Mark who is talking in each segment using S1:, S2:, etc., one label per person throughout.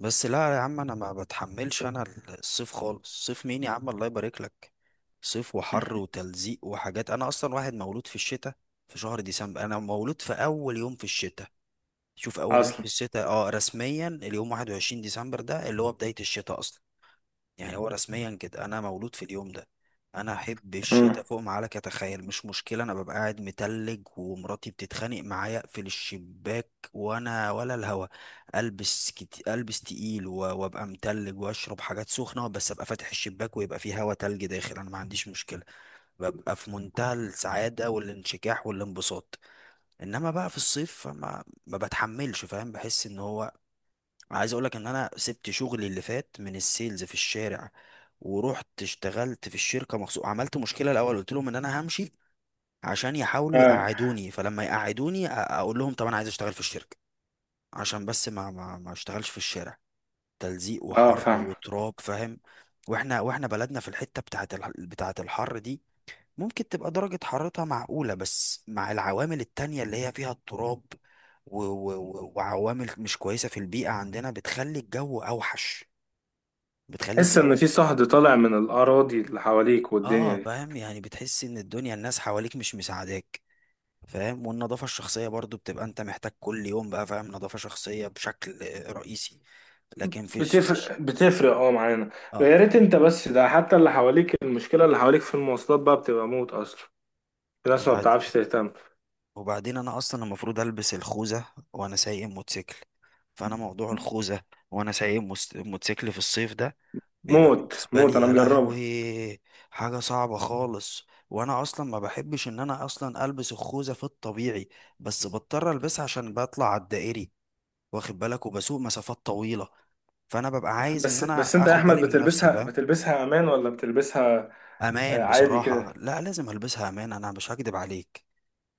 S1: بس لا يا عم، انا ما بتحملش. انا الصيف خالص، صيف مين يا عم؟ الله يبارك لك. صيف وحر وتلزيق وحاجات. انا اصلا واحد مولود في الشتاء، في شهر ديسمبر. انا مولود في اول يوم في الشتاء. شوف، اول يوم في
S2: اصلا.
S1: الشتاء، اه، رسميا اليوم 21 ديسمبر، ده اللي هو بداية الشتاء اصلا. يعني هو رسميا كده انا مولود في اليوم ده. انا احب
S2: امم
S1: الشتاء فوق ما عليك اتخيل. مش مشكله، انا ببقى قاعد متلج، ومراتي بتتخانق معايا اقفل الشباك وانا ولا الهوا. البس البس تقيل وابقى متلج واشرب حاجات سخنه، بس ابقى فاتح الشباك ويبقى فيه هوا تلج داخل، انا ما عنديش مشكله. ببقى في منتهى السعاده والانشكاح والانبساط. انما بقى في الصيف ما بتحملش، فاهم؟ بحس ان هو، عايز اقولك ان انا سبت شغلي اللي فات من السيلز في الشارع، ورحت اشتغلت في الشركه مخصوص. عملت مشكله الاول، قلت لهم ان انا همشي عشان يحاولوا
S2: اه
S1: يقعدوني، فلما يقعدوني اقول لهم طب انا عايز اشتغل في الشركه، عشان بس ما اشتغلش في الشارع. تلزيق
S2: اه
S1: وحر
S2: فاهم.
S1: وتراب، فاهم؟ واحنا بلدنا في الحته بتاعه الحر دي، ممكن تبقى درجة حرارتها معقولة، بس مع العوامل التانية اللي هي فيها التراب و وعوامل مش كويسة في البيئة عندنا، بتخلي الجو أوحش. بتخلي
S2: تحس ان
S1: الجو
S2: في صهد طالع من الاراضي اللي حواليك والدنيا
S1: اه
S2: دي.
S1: فاهم، يعني بتحس ان الدنيا الناس حواليك مش مساعداك، فاهم؟ والنظافة الشخصية برضو بتبقى انت محتاج كل يوم بقى، فاهم؟ نظافة شخصية بشكل رئيسي، لكن فيش.
S2: بتفرق اه معانا.
S1: اه.
S2: يا ريت، انت بس ده حتى اللي حواليك، المشكله اللي حواليك في المواصلات بقى بتبقى موت اصلا. في ناس ما
S1: ده،
S2: بتعرفش تهتم.
S1: وبعدين انا اصلا المفروض البس الخوذه، وانا سايق موتوسيكل. فانا موضوع الخوذه وانا سايق موتوسيكل في الصيف ده، بيبقى
S2: موت
S1: بالنسبه
S2: موت
S1: لي
S2: انا
S1: يا
S2: مجربه.
S1: لهوي حاجه صعبه خالص. وانا اصلا ما بحبش ان انا اصلا البس الخوذه في الطبيعي، بس بضطر البسها عشان بطلع على الدائري، واخد بالك؟ وبسوق مسافات طويله، فانا ببقى عايز ان
S2: بس
S1: انا
S2: انت يا
S1: اخد
S2: احمد
S1: بالي من نفسي،
S2: بتلبسها،
S1: فاهم؟
S2: بتلبسها امان ولا بتلبسها؟ آه،
S1: امان.
S2: عادي
S1: بصراحه
S2: كده.
S1: لا، لازم البسها امان، انا مش هكدب عليك.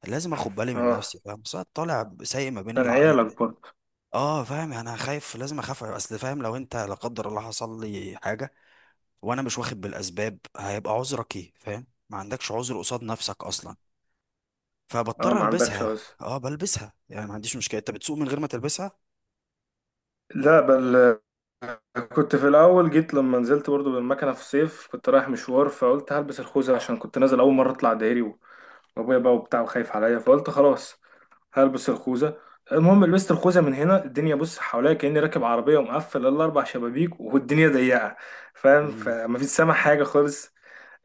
S1: لازم اخد بالي من
S2: اه،
S1: نفسي، فاهم؟ بس أنا طالع سايق ما بين
S2: عشان
S1: الع...
S2: عيالك برضه.
S1: اه فاهم، يعني انا خايف، لازم اخاف. اصل فاهم، لو انت لا قدر الله حصل لي حاجه وانا مش واخد بالاسباب، هيبقى عذرك ايه؟ فاهم؟ ما عندكش عذر قصاد نفسك اصلا،
S2: اه،
S1: فبضطر
S2: ما عندكش
S1: البسها.
S2: عذر.
S1: اه بلبسها يعني، ما عنديش مشكله. انت بتسوق من غير ما تلبسها؟
S2: لا بل، كنت في الاول جيت لما نزلت برضو بالمكنه في الصيف، كنت رايح مشوار، فقلت هلبس الخوذه عشان كنت نازل اول مره اطلع دهري، وابويا بقى وبتاع وخايف عليا، فقلت خلاص هلبس الخوذه. المهم لبست الخوذه، من هنا الدنيا بص حواليا كاني راكب عربيه ومقفل الاربع شبابيك والدنيا ضيقه، فاهم؟
S1: مم.
S2: فمفيش سامع حاجه خالص.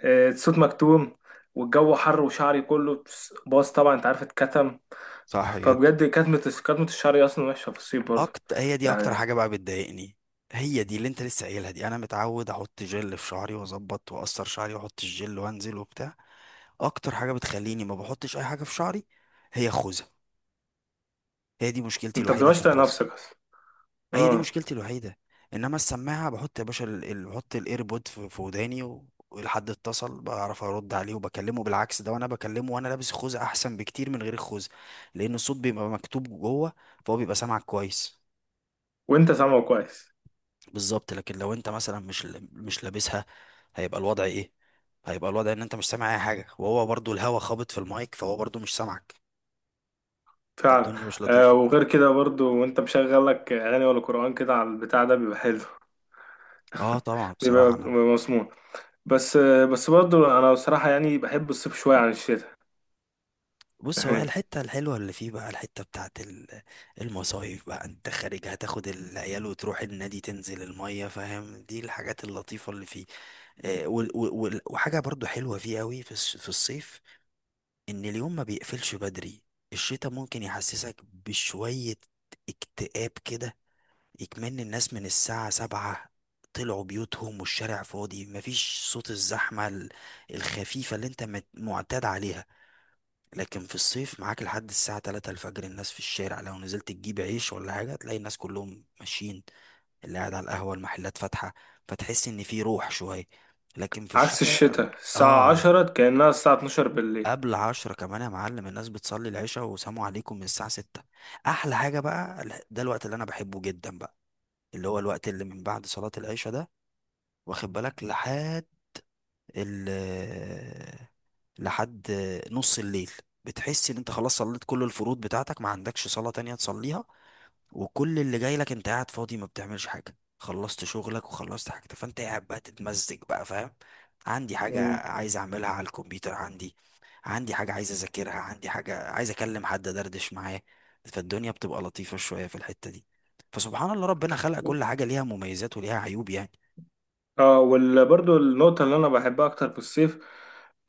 S2: آه، الصوت مكتوم، والجو حر وشعري كله باظ طبعا، انت عارف اتكتم.
S1: صح جدا.
S2: فبجد كتمه، كتمه الشعر اصلا وحشه في الصيف برضو.
S1: اكتر، هي دي اكتر
S2: يعني
S1: حاجه بقى بتضايقني، هي دي اللي انت لسه قايلها دي. انا متعود احط جل في شعري واظبط واقصر شعري واحط الجل وانزل وبتاع. اكتر حاجه بتخليني ما بحطش اي حاجه في شعري هي الخوذه. هي دي مشكلتي
S2: انت
S1: الوحيده في
S2: بتبقاش طايق
S1: الخوذه،
S2: نفسك اصلا.
S1: هي دي
S2: آه.
S1: مشكلتي الوحيدة. انما السماعة بحط يا باشا، بحط الايربود في وداني، والحد اتصل بعرف ارد عليه وبكلمه. بالعكس، ده وانا بكلمه وانا لابس الخوذة احسن بكتير من غير الخوذة، لان الصوت بيبقى مكتوب جوه، فهو بيبقى سامعك كويس.
S2: وانت سامعه كويس.
S1: بالظبط. لكن لو انت مثلا مش لابسها، هيبقى الوضع ايه؟ هيبقى الوضع ان انت مش سامع اي حاجة، وهو برضو الهوا خابط في المايك فهو برضو مش سامعك.
S2: فعلا.
S1: فالدنيا مش
S2: آه،
S1: لطيفة.
S2: وغير كده برضو وانت مشغل لك اغاني ولا قرآن كده على البتاع ده بيبقى حلو،
S1: اه طبعا،
S2: بيبقى
S1: بصراحة
S2: بيبقى
S1: انا،
S2: مسموع. بس آه، بس برضو انا بصراحة يعني بحب الصيف شوية عن الشتاء.
S1: بص هو الحتة الحلوة اللي فيه بقى، الحتة بتاعت المصايف بقى، انت خارج هتاخد العيال وتروح النادي تنزل المية، فاهم؟ دي الحاجات اللطيفة اللي فيه. آه، وحاجة برضو حلوة فيه قوي في في الصيف، ان اليوم ما بيقفلش بدري. الشتاء ممكن يحسسك بشوية اكتئاب كده، يكمن الناس من الساعة 7 طلعوا بيوتهم، والشارع فاضي، مفيش صوت الزحمة الخفيفة اللي انت معتاد عليها. لكن في الصيف معاك لحد الساعة 3 الفجر الناس في الشارع، لو نزلت تجيب عيش ولا حاجة تلاقي الناس كلهم ماشيين، اللي قاعد على القهوة، المحلات فاتحة، فتحس إن في روح شوية. لكن في
S2: عكس
S1: الشتاء، الشتاء لا.
S2: الشتاء الساعة
S1: آه.
S2: عشرة كأنها الساعة اتناشر بالليل.
S1: قبل 10 كمان يا معلم الناس بتصلي العشاء وسلام عليكم من الساعة 6. أحلى حاجة بقى، ده الوقت اللي أنا بحبه جدا بقى، اللي هو الوقت اللي من بعد صلاة العشاء ده، واخد بالك؟ لحد ال لحد نص الليل. بتحس ان انت خلاص صليت كل الفروض بتاعتك، ما عندكش صلاة تانية تصليها، وكل اللي جاي لك انت قاعد فاضي ما بتعملش حاجة، خلصت شغلك وخلصت حاجتك، فانت قاعد بقى تتمزج بقى، فاهم؟ عندي حاجة عايز اعملها على الكمبيوتر، عندي، عندي حاجة عايز اذاكرها، عندي حاجة عايز اكلم حد دردش معاه. فالدنيا بتبقى لطيفة شوية في الحتة دي. فسبحان الله، ربنا خلق
S2: مم.
S1: كل حاجة ليها مميزات وليها عيوب يعني.
S2: اه، وبرضه النقطة اللي أنا بحبها أكتر في الصيف،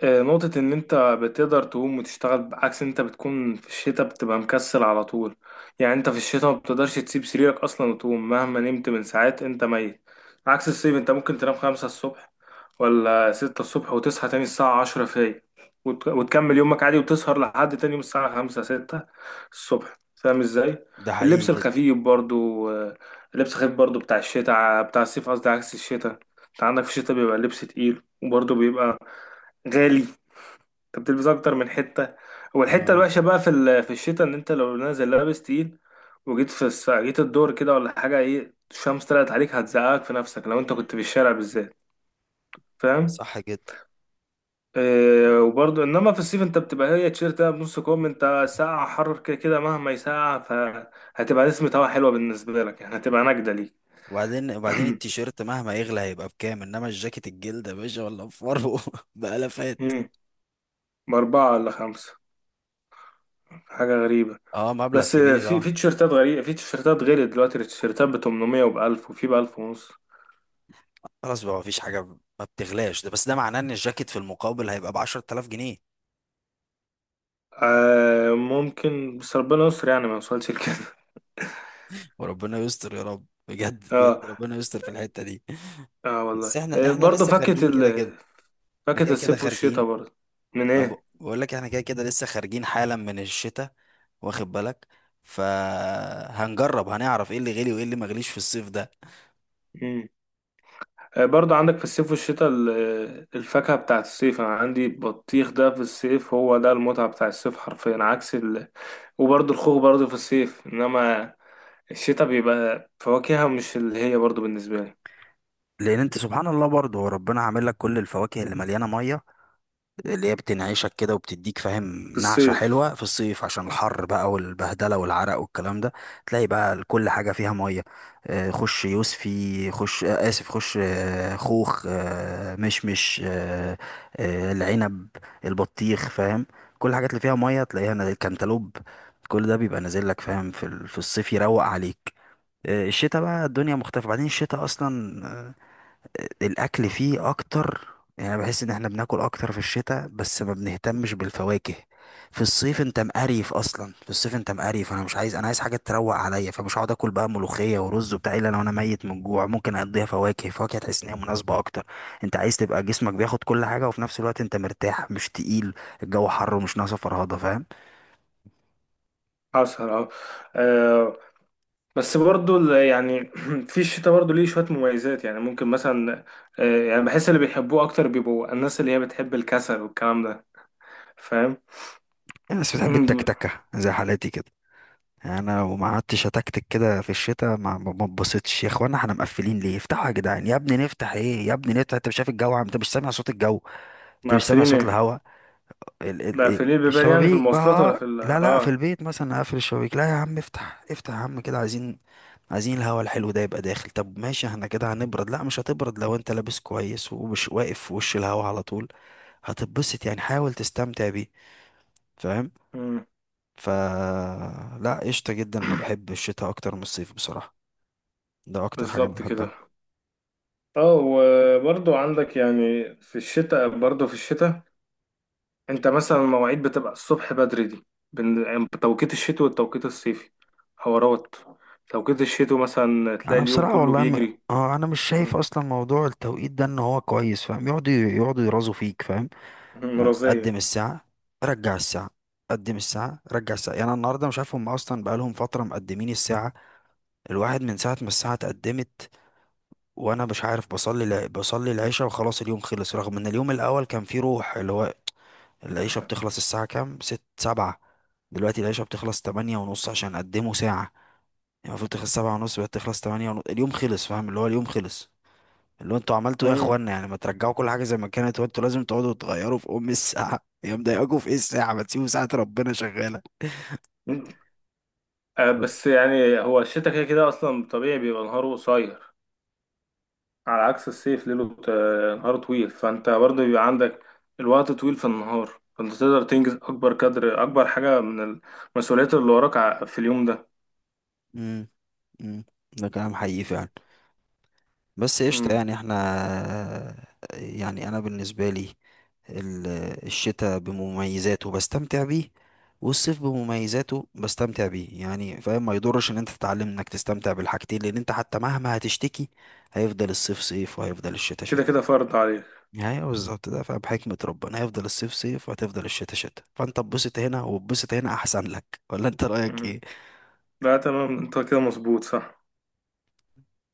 S2: آه، نقطة إن أنت بتقدر تقوم وتشتغل، بعكس أنت بتكون في الشتاء بتبقى مكسل على طول. يعني أنت في الشتاء ما بتقدرش تسيب سريرك أصلا وتقوم مهما نمت من ساعات، أنت ميت. عكس الصيف، أنت ممكن تنام خمسة الصبح ولا ستة الصبح وتصحى تاني الساعة عشرة فايق، وتكمل يومك عادي وتسهر لحد تاني يوم الساعة خمسة ستة الصبح، فاهم إزاي؟
S1: ده حقيقي
S2: اللبس
S1: جدا.
S2: الخفيف برضه، آه، اللبس الخفيف برضه بتاع الشتاء بتاع الصيف قصدي، عكس الشتاء. انت عندك في الشتاء بيبقى اللبس تقيل، وبرضه بيبقى غالي. انت بتلبس اكتر من حته. والحته
S1: اه
S2: الوحشه بقى في الشتاء ان انت لو نازل لابس تقيل، وجيت جيت الدور كده ولا حاجه، ايه الشمس طلعت عليك هتزقك في نفسك لو انت كنت في الشارع بالذات، فاهم؟
S1: صح جدا.
S2: إيه، وبرضه انما في الصيف انت بتبقى هي تيشيرت ده بنص كم، انت ساقعه، حر كده كده مهما يسقع فهتبقى نسمة هوا حلوه بالنسبه لك، يعني هتبقى نجده ليك.
S1: وبعدين التيشيرت مهما يغلى هيبقى بكام؟ انما الجاكيت الجلد يا باشا ولا بفرو بألافات.
S2: امم، باربعه ولا خمسه، حاجه غريبه.
S1: اه مبلغ
S2: بس
S1: كبير
S2: في،
S1: طبعا.
S2: في تيشيرتات غريبة، في تيشيرتات غالية دلوقتي، التيشيرتات ب 800 وب 1000 وفي ب 1000 ونص.
S1: خلاص بقى مفيش حاجة ما بتغلاش، ده بس ده معناه ان الجاكيت في المقابل هيبقى ب 10,000 جنيه.
S2: آه ممكن، بس ربنا يستر يعني ما يوصلش لكده.
S1: وربنا يستر يا رب، بجد
S2: اه
S1: بجد ربنا يستر في الحتة دي.
S2: اه والله.
S1: بس احنا
S2: آه
S1: احنا
S2: برضه،
S1: لسه
S2: فاكهة
S1: خارجين كده كده. احنا
S2: فاكهة
S1: كده كده
S2: الصيف
S1: خارجين.
S2: والشتاء برضه. من ايه؟
S1: بقول لك احنا كده كده لسه خارجين حالا من الشتاء، واخد بالك؟ فهنجرب، هنعرف ايه اللي غلي وايه اللي ما غليش في الصيف ده.
S2: مم. آه برضه عندك في الصيف والشتاء، الفاكهة بتاعت الصيف انا عندي بطيخ، ده في الصيف هو ده المتعة بتاع الصيف حرفيا، عكس ال... وبرضه الخوخ برضه في الصيف، انما الشتاء بيبقى فواكهها مش اللي هي برضه بالنسبة لي
S1: لان انت سبحان الله برضه هو ربنا عامل لك كل الفواكه اللي مليانه ميه اللي هي بتنعشك كده وبتديك، فاهم؟
S2: في
S1: نعشه
S2: الصيف.
S1: حلوه في الصيف عشان الحر بقى والبهدله والعرق والكلام ده. تلاقي بقى كل حاجه فيها ميه. آه، خش يوسفي، خش آه، اسف، خش آه، خوخ، آه، مشمش، آه، آه، العنب، البطيخ، فاهم؟ كل الحاجات اللي فيها ميه تلاقيها الكنتالوب، كل ده بيبقى نازل لك، فاهم؟ في في الصيف يروق عليك. آه، الشتاء بقى الدنيا مختلفة. بعدين الشتاء أصلا الاكل فيه اكتر، يعني بحس ان احنا بناكل اكتر في الشتاء بس ما بنهتمش بالفواكه. في الصيف انت مقريف اصلا، في الصيف انت مقريف، انا مش عايز، انا عايز حاجه تروق عليا، فمش هقعد اكل بقى ملوخيه ورز وبتاع الا لو انا ميت من الجوع، ممكن اقضيها فواكه. فواكه تحس ان هي مناسبه اكتر، انت عايز تبقى جسمك بياخد كل حاجه وفي نفس الوقت انت مرتاح مش تقيل. الجو حر ومش ناقصه فرهضه، فاهم؟
S2: حصل، اه. آه، بس برضو يعني في الشتاء برضو ليه شوية مميزات، يعني ممكن مثلا، آه، يعني بحس اللي بيحبوه أكتر بيبقوا الناس اللي هي بتحب الكسل والكلام ده، فاهم؟
S1: الناس بتحب التكتكه زي حالاتي كده. انا وما قعدتش اتكتك كده في الشتاء ما اتبسطتش. يا اخوانا احنا مقفلين ليه؟ افتحوا يا جدعان. يا ابني نفتح ايه؟ يا ابني نفتح، انت مش شايف الجو؟ عم انت مش سامع صوت الجو؟ انت مش سامع
S2: مقفلين
S1: صوت
S2: ايه؟
S1: الهواء؟
S2: مقفلين البيبان يعني في
S1: الشبابيك
S2: المواصلات ولا
S1: بقى،
S2: في ال،
S1: لا لا، في
S2: اه.
S1: البيت مثلا اقفل الشبابيك؟ لا يا عم افتح، افتح يا عم كده. عايزين، عايزين الهواء الحلو ده يبقى داخل. طب ماشي، احنا كده هنبرد؟ لا مش هتبرد لو انت لابس كويس ومش واقف في وش الهواء على طول، هتتبسط يعني. حاول تستمتع بيه، فاهم؟
S2: مم،
S1: ف لا قشطة جدا، انا بحب الشتاء اكتر من الصيف بصراحة، ده اكتر حاجة انا
S2: بالظبط كده.
S1: بحبها.
S2: اه، وبرضو عندك يعني في الشتاء، برضو في الشتاء انت مثلا المواعيد بتبقى الصبح بدري دي، بين يعني توقيت الشتوي والتوقيت الصيفي حوارات. توقيت الشتوي مثلا تلاقي
S1: انا
S2: اليوم
S1: بصراحة
S2: كله
S1: والله م...
S2: بيجري
S1: اه انا مش شايف
S2: ورا-
S1: اصلا موضوع التوقيت ده ان هو كويس، فاهم؟ يقعدوا يقعدوا يرازوا فيك، فاهم؟ يعني قدم
S2: مرضية.
S1: الساعة رجع الساعة، قدم الساعة رجع الساعة. يعني أنا النهاردة مش عارف، هم أصلا بقالهم فترة مقدمين الساعة، الواحد من ساعة ما الساعة اتقدمت وأنا مش عارف، بصلي العشاء وخلاص اليوم خلص، رغم إن اليوم الأول كان فيه روح، اللي هو العيشة بتخلص الساعة كام؟ ست، سبعة. دلوقتي العيشة بتخلص 8:30 عشان قدموا ساعة، يعني المفروض تخلص 7:30، بقت تخلص 8:30، اليوم خلص، فاهم؟ اللي هو اليوم خلص. اللي هو انتوا عملتوا ايه يا
S2: مم.
S1: اخوانا؟ يعني ما ترجعوا كل حاجة زي ما كانت، وانتوا لازم تقعدوا تغيروا في ام الساعة، يا مضايقاكوا في ايه الساعة؟ ما تسيبوا ساعة ربنا شغالة.
S2: آه، بس يعني هو الشتا كده كده اصلا طبيعي بيبقى نهاره قصير، على عكس الصيف نهاره طويل، فانت برضه بيبقى عندك الوقت طويل في النهار، فانت تقدر تنجز اكبر قدر، اكبر حاجة من المسؤوليات اللي وراك في اليوم ده.
S1: امم، امم. ده كلام حقيقي فعلا، بس قشطة
S2: مم.
S1: يعني احنا، يعني انا بالنسبة لي ال- الشتاء بمميزاته بستمتع بيه، والصيف بمميزاته بستمتع بيه يعني، فاهم؟ ما يضرش ان انت تتعلم انك تستمتع بالحاجتين، لان انت حتى مهما هتشتكي هيفضل الصيف صيف وهيفضل الشتاء
S2: كده
S1: شتاء.
S2: كده فرض عليك.
S1: يعني بالظبط ده، فاهم؟ حكمة ربنا، هيفضل الصيف صيف وهتفضل الشتاء شتاء، فانت اتبسط هنا واتبسط هنا احسن لك، ولا انت رأيك
S2: مم.
S1: ايه؟
S2: لا تمام، انت كده مظبوط، صح.